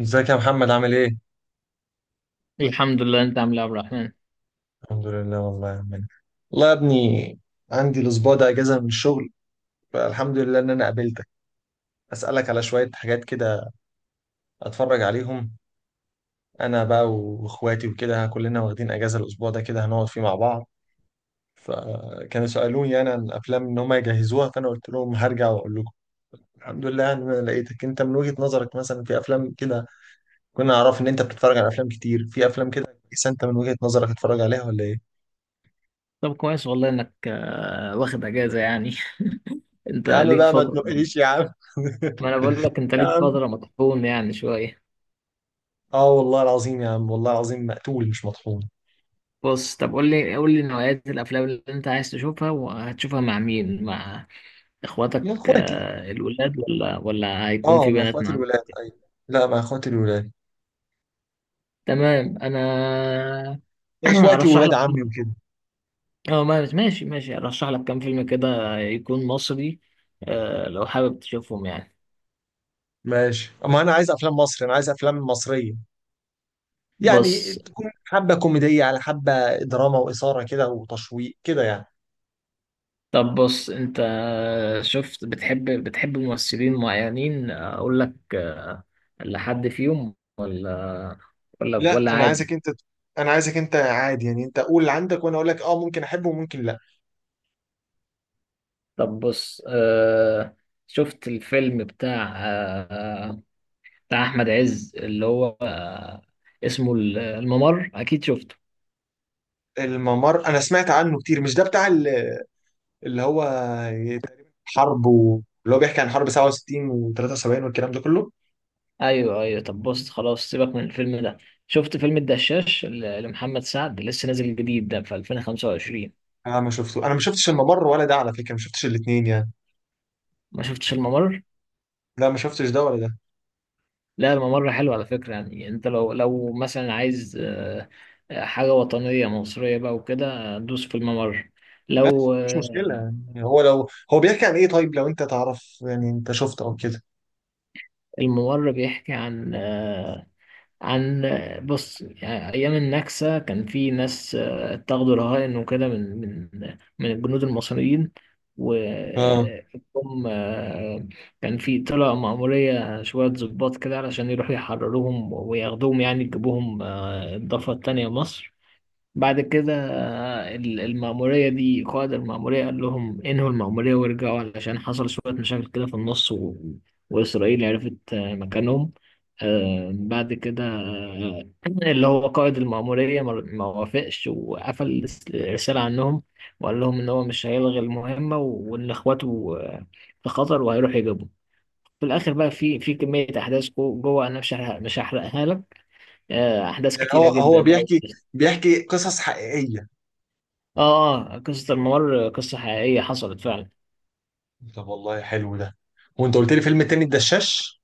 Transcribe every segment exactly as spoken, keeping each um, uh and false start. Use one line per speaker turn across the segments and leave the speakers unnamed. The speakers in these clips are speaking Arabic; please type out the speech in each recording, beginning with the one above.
ازيك يا محمد عامل ايه؟
الحمد لله. انت عامل ايه يا عبد الرحمن؟
الحمد لله والله يا عمنا. والله يا ابني، عندي الاسبوع ده اجازه من الشغل، فالحمد لله ان انا قابلتك. اسالك على شويه حاجات كده، اتفرج عليهم. انا بقى واخواتي وكده كلنا واخدين اجازه الاسبوع ده، كده هنقعد فيه مع بعض، فكانوا سالوني انا عن افلام ان هم يجهزوها، فانا قلت لهم هرجع واقول لكم. الحمد لله ان انا لقيتك، انت من وجهه نظرك مثلا في افلام كده كنا نعرف ان انت بتتفرج على افلام كتير، في افلام كده كويسه انت من وجهه نظرك تتفرج عليها ولا ايه؟
طب كويس والله انك آه، واخد اجازه يعني. انت
يا عم
ليك
بقى ما
فتره.
تنقليش يا عم.
ما انا بقول لك انت
يا
ليك
عم،
فتره مطحون يعني شويه.
اه والله العظيم يا عم، والله العظيم مقتول مش مطحون.
بص طب، قول لي قول لي نوعيات الافلام اللي انت عايز تشوفها وهتشوفها مع مين، مع
مع
اخواتك؟
اخواتي.
آه، الولاد ولا ولا هيكون
اه،
في
مع
بنات
اخواتي
معاك؟
الولاد. ايوه، لا مع اخواتي الولاد.
تمام، انا
مع اخواتي
ارشح
وولاد
لك.
عمي وكده.
اه، ما- ماشي ماشي، ارشح لك كام فيلم كده يكون مصري. آه، لو حابب تشوفهم يعني.
ماشي، اما انا عايز افلام مصري، انا عايز افلام مصريه، يعني
بص.
تكون حبه كوميديه على حبه دراما واثاره كده وتشويق كده يعني.
طب بص انت، شفت بتحب بتحب ممثلين معينين اقول لك؟ لحد فيهم ولا؟ ولا
لا
ولا
انا عايزك
عادي؟
انت، انا عايزك انت عادي يعني، انت قول اللي عندك وانا اقول لك اه، ممكن احبه وممكن لا.
طب بص، آه شفت الفيلم بتاع آه بتاع احمد عز اللي هو آه اسمه الممر، اكيد شفته؟
الممر انا سمعت عنه كتير، مش ده بتاع ال- اللي هو حرب و... اللي هو بيحكي عن حرب سبعة وستين و73 والكلام ده كله؟
ايوه ايوه، طب بص خلاص، سيبك من الفيلم ده. شفت فيلم الدشاش ل- لمحمد سعد؟ لسه نازل جديد ده في ألفين وخمسة وعشرين.
انا ما شفته، انا ما شفتش الممر ولا ده على فكره، ما شفتش الاثنين يعني.
ما شفتش الممر؟
لا ما شفتش ده ولا ده.
لا، الممر حلو على فكرة. يعني انت لو لو مثلا عايز آه، آه، حاجة وطنية مصرية بقى وكده، آه، دوس في الممر.
ماشي
لو
مفيش مشكله،
آه،
يعني هو لو هو بيحكي عن ايه؟ طيب لو انت تعرف يعني، انت شفته او كده.
الممر بيحكي عن آه، عن آه، بص، يعني أيام النكسة كان في ناس آه، اتاخدوا رهائن وكده، من من من الجنود المصريين،
اه،
وهم... كان في طلع مأمورية شوية ضباط كده علشان يروحوا يحرروهم وياخدوهم، يعني يجيبوهم آه، الضفة التانية مصر. بعد كده آه، ال- المأمورية دي، قائد المأمورية قال لهم انهوا المأمورية وارجعوا علشان حصل شوية مشاكل كده في النص و... وإسرائيل عرفت آه، مكانهم. آه، بعد كده آه، اللي هو قائد المأمورية ما ما وافقش، وقفل الس- الرسالة عنهم. وقال لهم إن هو مش هيلغي المهمة و- وإن إخواته آه، في خطر، وهيروح يجيبهم. في الآخر بقى، في في كمية أحداث جو- جوه، أنا مش هحرق- مش هحرقها لك. آه، أحداث
يعني هو
كتيرة
هو
جدا بقى.
بيحكي بيحكي قصص حقيقيه؟
اه، اه، قصة الممر قصة حقيقية حصلت فعلا.
طب والله حلو ده. وانت قلت لي فيلم التاني الدشاش.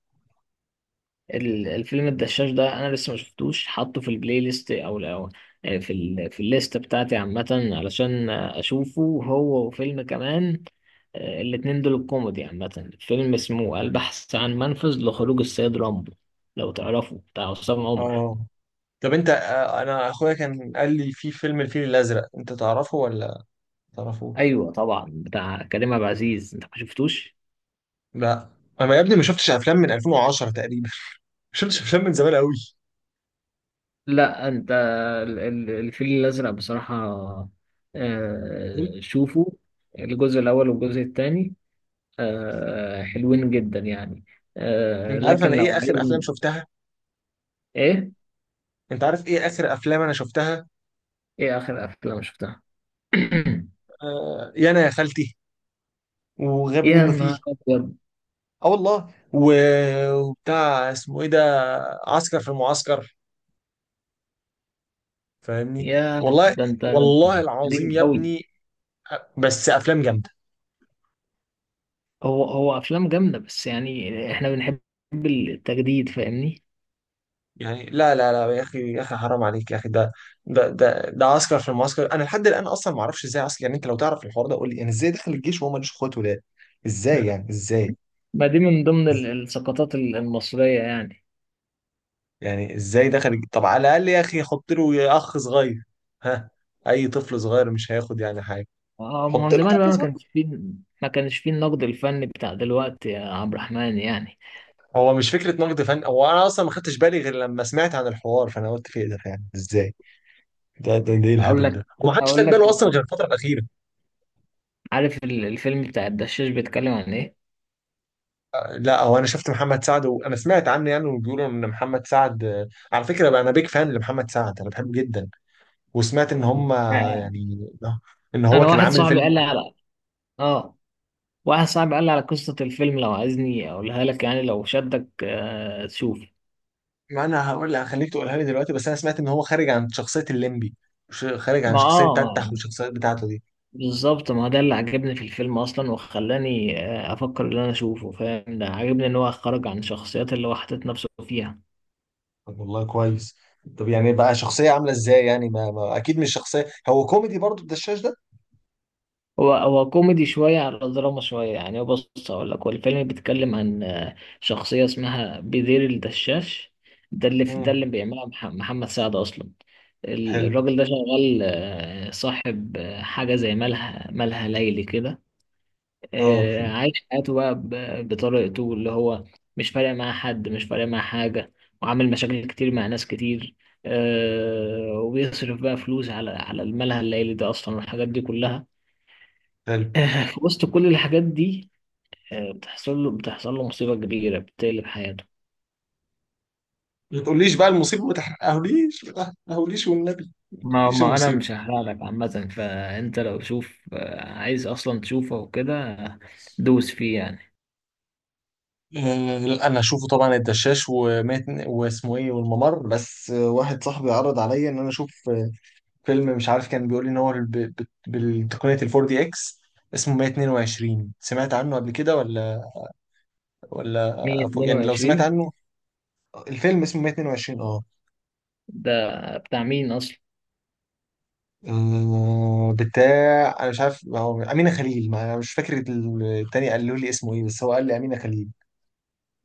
ال- الفيلم الدشاش ده انا لسه ما شفتوش، حاطه في البلاي ليست او او آه، في ال في الليست بتاعتي عامة، علشان اشوفه هو وفيلم كمان. آه، الاتنين دول الكوميدي عامة. فيلم اسمه البحث عن منفذ لخروج السيد رامبو، لو تعرفه، بتاع عصام عمر.
اه، طب انت آه، انا اخويا كان قال لي في فيلم الفيل الازرق، انت تعرفه ولا ما تعرفوش؟
ايوه طبعا، بتاع كريم عبد العزيز. انت ما شفتوش؟
لا، انا يا ابني ما شفتش افلام من الفين وعشره تقريبا، ما شفتش افلام من زمان قوي.
لا، انت... ال- ال- الفيل الازرق بصراحه، آه، شوفوا الجزء الاول والجزء الثاني، آه، حلوين جدا يعني. آه،
انت عارف
لكن
انا
لو
ايه اخر افلام
عايز...
شفتها؟
ايه
انت عارف ايه اخر افلام انا شفتها؟
ايه اخر افلام شفتها؟
آه يانا يا خالتي، وغبي
يا
منه
نهار
فيه.
ابيض!
اه والله، و- وبتاع اسمه ايه ده، عسكر في المعسكر، فاهمني؟
يا
والله،
ده انت ده أنت!
والله العظيم
قديم
يا
قوي.
ابني. بس افلام جامده
هو هو افلام جامده، بس يعني احنا بنحب التجديد، فاهمني؟
يعني. لا لا لا يا اخي، يا اخي حرام عليك يا اخي، ده ده ده ده عسكر في المعسكر، انا لحد الان اصلا ما اعرفش ازاي عسكر. يعني انت لو تعرف الحوار ده قول لي، يعني ازاي دخل الجيش وهو مالوش اخوات ولاد؟ ازاي يعني ازاي؟
ما دي من ضمن ال- السقطات ال- المصريه يعني.
يعني ازاي دخل؟ طب على الاقل يا اخي، حط له يا اخ صغير، ها؟ اي طفل صغير مش هياخد يعني حاجه.
اه، ما هو
حط له
زمان بقى
طفل
ما
صغير.
كانش فيه، ما كانش فيه النقد الفني بتاع دلوقتي يا عبد الرحمن يعني.
هو مش فكره نقد فن، هو انا اصلا ما خدتش بالي غير لما سمعت عن الحوار، فانا قلت في ايه ده؟ يعني ازاي؟ ده ده, ده ايه
اقول
الهبل
لك
ده، ومحدش خد
اقول لك
باله اصلا غير الفتره الاخيره.
عارف ال- الفيلم بتاع الدشاش بيتكلم عن ايه؟
آه، لا، هو انا شفت محمد سعد وانا سمعت عنه يعني، وبيقولوا ان محمد سعد، آه، على فكره بقى انا بيك فان لمحمد سعد، انا بحبه جدا. وسمعت ان هم،
آه.
يعني ان هو
انا
كان
واحد
عامل
صاحبي
فيلم.
قال لي على... اه، واحد صاحبي قال لي على قصة الفيلم، لو عايزني اقولها لك يعني، لو شدك آه تشوف.
ما انا هقول لك، هخليك تقولها لي دلوقتي. بس انا سمعت ان هو خارج عن شخصيه الليمبي، ش- خارج عن
ما
شخصيه
اه
تتح
ما-
والشخصيات بتاعته دي.
بالظبط، ما ده اللي عجبني في الفيلم اصلا، وخلاني آه افكر ان انا اشوفه، فاهم؟ ده عجبني ان هو خرج عن شخصيات اللي هو حاطط نفسه فيها.
طب والله كويس. طب يعني بقى شخصيه عامله ازاي يعني؟ ما, ما اكيد مش شخصيه، هو كوميدي برضو الدشاش ده؟
هو هو كوميدي شوية على دراما شوية، يعني هو بص، أقول لك، هو الفيلم بيتكلم عن آه، شخصية اسمها بدير الدشاش. ده اللي ده
امم.
اللي بيعملها مح- محمد سعد أصلا. ال-
حلو.
الراجل ده شغال آه، صاحب آه، حاجة زي مالها مالها ليلي كده.
اه،
آه، عايش حياته بقى ب- بطريقته اللي هو، مش فارق معاه حد، مش فارق معاه حاجة. وعامل مشاكل كتير مع ناس كتير. آه، وبيصرف بقى فلوس على على المالها الليلي ده أصلا والحاجات دي كلها.
حلو.
في وسط كل الحاجات دي، آه، بتحصل له بتحصل له مصيبة كبيرة بتقلب حياته.
ما تقوليش بقى المصيبه، ما تحرقهوليش، ما تحرقهوليش والنبي. ما
ما
تقوليش
ما انا
المصيبه.
مش هحرق لك عامة، فانت لو شوف آه، عايز اصلا تشوفه وكده، آه، دوس فيه يعني.
آه، لا انا اشوفه طبعا الدشاش، ومات واسمه ايه، والممر. بس آه، واحد صاحبي عرض عليا ان انا اشوف فيلم، مش عارف كان بيقول لي ان هو ب- ب- بالتقنية الفور دي اكس، اسمه مية اتنين وعشرين، سمعت عنه قبل كده ولا ولا؟ أفو- يعني لو سمعت
مية اتنين وعشرين
عنه، الفيلم اسمه مية اتنين وعشرين. اه،
ده بتاع مين اصلا؟
آه، بتاع انا مش عارف، هو امينه خليل، ما انا مش فاكر ال- التاني قالوا لي اسمه ايه، بس هو قال لي امينه خليل.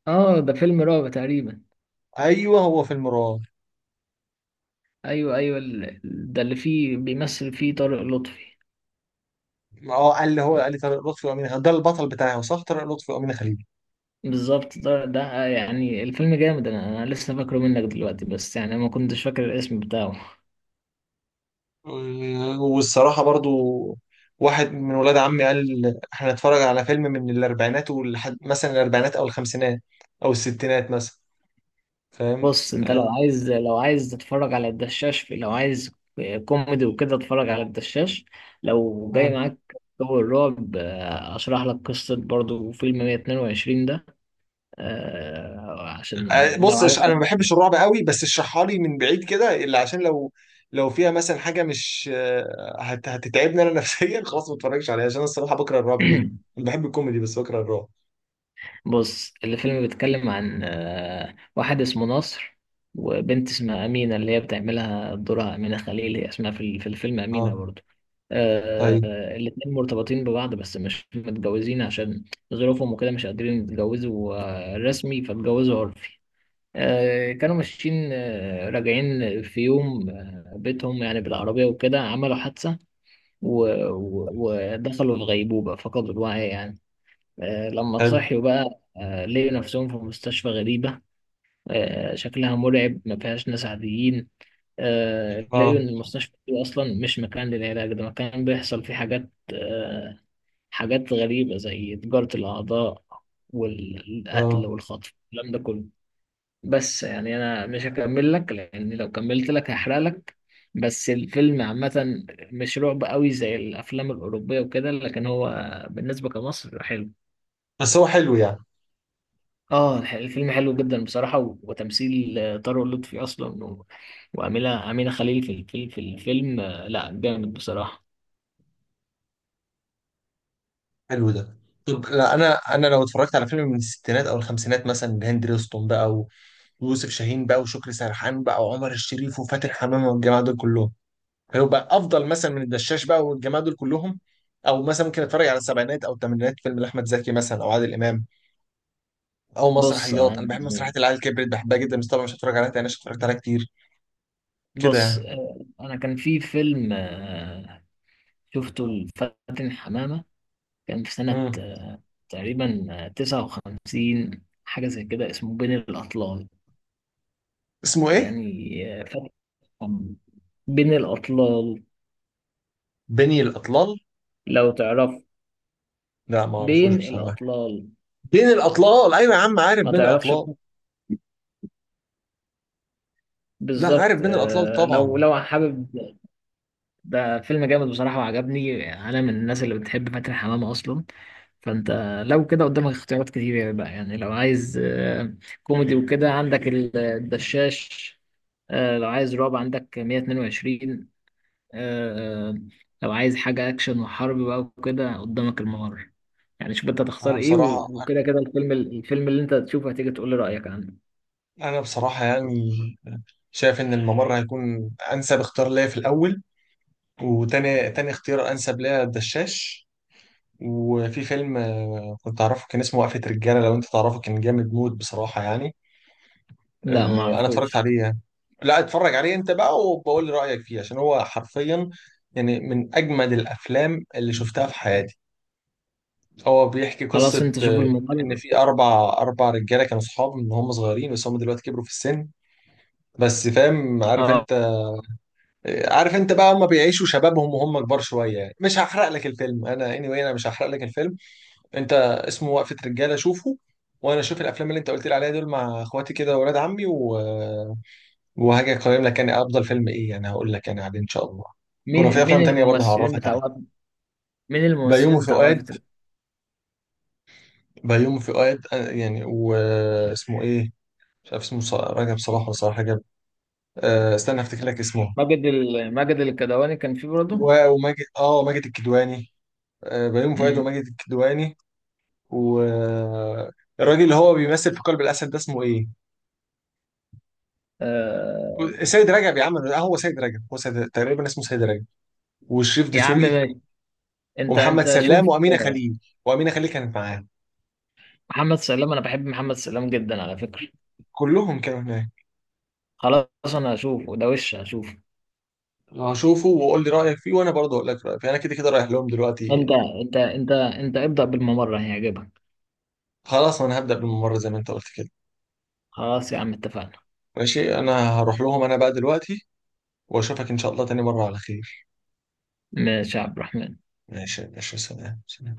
اه، ده فيلم رعب تقريبا.
ايوه هو فيلم رعب.
ايوه ايوه، ال- ده اللي فيه بيمثل فيه طارق لطفي.
اه قال لي، هو قال لي طارق لطفي وامينه خليل، ده البطل بتاعه صح؟ طارق لطفي وامينه خليل.
بالظبط، ده, ده آه، يعني الفيلم جامد، انا انا لسه فاكره منك دلوقتي، بس يعني ما كنتش فاكر الاسم بتاعه.
والصراحة برضو واحد من ولاد عمي قال احنا نتفرج على فيلم من الأربعينات، ولحد مثلا الأربعينات أو الخمسينات أو الستينات مثلا، فاهم؟
بص انت لو
آه،
عايز، لو عايز تتفرج على الدشاش، في لو عايز كوميدي وكده، اتفرج على الدشاش. لو جاي
مم.
معاك جو الرعب، آه، اشرح لك قصة برضو فيلم مية اتنين وعشرين ده، آه، عشان
آه،
لو
بص، إش- أنا ما
عجبك.
بحبش الرعب قوي، بس اشرحها لي من بعيد كده اللي عشان لو، لو فيها مثلا حاجة مش آه، هت- هتتعبني أنا نفسيا خلاص ما اتفرجش عليها، عشان أنا الصراحة بكره الرعب جدا، أنا بحب الكوميدي بس بكره الرعب.
بص، الفيلم بيتكلم عن آه، واحد اسمه نصر، وبنت اسمها أمينة، اللي هي بتعملها دورها أمينة خليل، هي اسمها في ال- في الفيلم أمينة
اه،
برضه.
ايوه،
آه، الاتنين مرتبطين ببعض، بس مش متجوزين عشان ظروفهم وكده، مش قادرين يتجوزوا آه، رسمي، فاتجوزوا عرفي. آه، كانوا ماشيين آه، راجعين في يوم آه، بيتهم يعني، بالعربية وكده عملوا حادثة، و- و- ودخلوا في غيبوبة، فقدوا الوعي يعني. آه، لما
حلو،
صحيوا بقى آه، لقوا نفسهم في مستشفى غريبة. آه، شكلها مرعب، ما فيهاش ناس عاديين. آه، لقوا
اه
إن المستشفى دي أصلا مش مكان للعلاج، ده مكان بيحصل فيه حاجات آه، حاجات غريبة زي تجارة الأعضاء والقتل
اه.
والخطف، الكلام ده كله. بس يعني أنا مش هكمل لك، لأن لو كملت لك هحرق لك. بس الفيلم عامة مش رعب قوي زي الأفلام الأوروبية وكده، لكن هو بالنسبة كمصر حلو.
بس هو حلو يعني؟
اه، الح- الفيلم حلو جدا بصراحة، و- وتمثيل آه، طارق لطفي أصلا، و- وأمينة أمينة خليل في الفيلم في الفيلم آه، لا جامد بصراحة.
حلو ده. طب لا، انا انا لو اتفرجت على فيلم من الستينات او الخمسينات مثلا، هند رستم بقى، ويوسف شاهين بقى، وشكري سرحان بقى، وعمر الشريف وفاتن حمامه والجماعه دول كلهم، هيبقى افضل مثلا من الدشاش بقى والجماعه دول كلهم. او مثلا ممكن اتفرج على السبعينات او الثمانينات، فيلم لاحمد زكي مثلا، او عادل امام، او
بص
مسرحيات.
آه،
انا بحب مسرحيه العيال كبرت، بحبها جدا، بس طبعا مش هتفرج عليها تاني عشان اتفرجت عليها كتير كده
بص
يعني.
آه، أنا كان في فيلم آه، شفته لفاتن حمامة، كان في سنة
امم.
آه، تقريبا آه، تسعة وخمسين، حاجة زي كده، اسمه بين الأطلال،
اسمه ايه؟
يعني آه، فاتن حمامة. بين الأطلال،
بني الاطلال؟
لو تعرف.
لا ما اعرفوش
بين
بصراحه.
الأطلال،
بين الاطلال، ايوه يا عم، عارف
ما
بين
تعرفش؟
الاطلال. لا،
بالظبط.
عارف بين الاطلال
آه،
طبعا.
لو لو حابب، ده فيلم جامد بصراحة وعجبني. أنا من الناس اللي بتحب فاتن حمامة أصلا. فأنت لو كده قدامك اختيارات كتير يعني بقى، يعني لو عايز آه، كوميدي وكده، عندك ال- الدشاش. آه، لو عايز رعب عندك مية اتنين وعشرين. آه، آه، لو عايز حاجة أكشن وحرب بقى وكده، قدامك الممر. يعني شوف أنت
انا
تختار إيه، و-
بصراحه،
وكده كده، الفيلم الفيلم اللي أنت تشوفه هتيجي تقول لي رأيك عنه.
انا بصراحه يعني شايف ان الممر هيكون انسب اختيار ليا في الاول، وتاني تاني اختيار انسب ليا الدشاش. وفي فيلم آه، كنت اعرفه، كان اسمه وقفه رجاله، لو انت تعرفه، كان جامد موت بصراحه يعني.
لا
آه، انا اتفرجت
معرفوش.
عليه يعني، لا اتفرج عليه انت بقى، وبقول لي رايك فيه، عشان هو حرفيا يعني من اجمد الافلام اللي شفتها في حياتي. هو بيحكي
خلاص،
قصه،
أنت شوف
آه، ان
الممر.
في اربع اربع رجاله كانوا صحاب من هم صغيرين، بس هم دلوقتي كبروا في السن، بس فاهم عارف
اه،
انت، عارف انت بقى، هم بيعيشوا شبابهم وهم كبار شويه يعني. مش هحرق لك الفيلم انا، anyway انا مش هحرق لك الفيلم. انت اسمه وقفه رجاله، شوفه. وانا اشوف الافلام اللي انت قلت لي عليها دول مع اخواتي كده، واولاد عمي و... وهاجي اقيم لك، يعني افضل فيلم ايه، يعني هقول لك يعني عليه ان شاء الله. ولو
مين
في
مين
افلام تانية برضه
الممثلين
هعرفك
بتاع
عليها.
وقف... مين
بيومي
الممثلين بتاع
فؤاد،
وقفة ال-
بيومي فؤاد، آه، يعني واسمه ايه؟ مش عارف اسمه، ص- رجب صلاح ولا صلاح رجب؟ أه استنى افتكر لك اسمه.
ماجد ال... ماجد الكدواني كان فيه برضه.
و- وماجد، اه ماجد الكدواني. آه، بيومي فؤاد
امم.
وماجد الكدواني. والراجل اللي هو بيمثل في قلب الاسد، ده اسمه ايه؟
آه...
سيد رجب يا عم. آه، هو سيد رجب، هو سيد تقريبا اسمه سيد رجب، وشريف
يا عم
دسوقي
ماشي. انت
ومحمد
انت شوف
سلام وامينه
آه،
خليل. وامينه خليل كانت معاهم،
محمد سلام، انا بحب محمد سلام جدا على فكرة.
كلهم كانوا هناك.
خلاص انا هشوفه ده وش هشوفه.
هشوفه وقول لي رايك فيه، وانا برضه اقول لك رايي فيه. انا كده كده رايح لهم دلوقتي.
انت انت انت انت ابدأ بالممر، هيعجبك.
خلاص انا هبدا بالممر زي ما انت قلت كده.
خلاص يا عم، اتفقنا.
ماشي، انا هروح لهم انا بقى دلوقتي، واشوفك ان شاء الله تاني مره على خير.
ماشي يا عبد الرحمن.
ماشي ماشي، سلام سلام.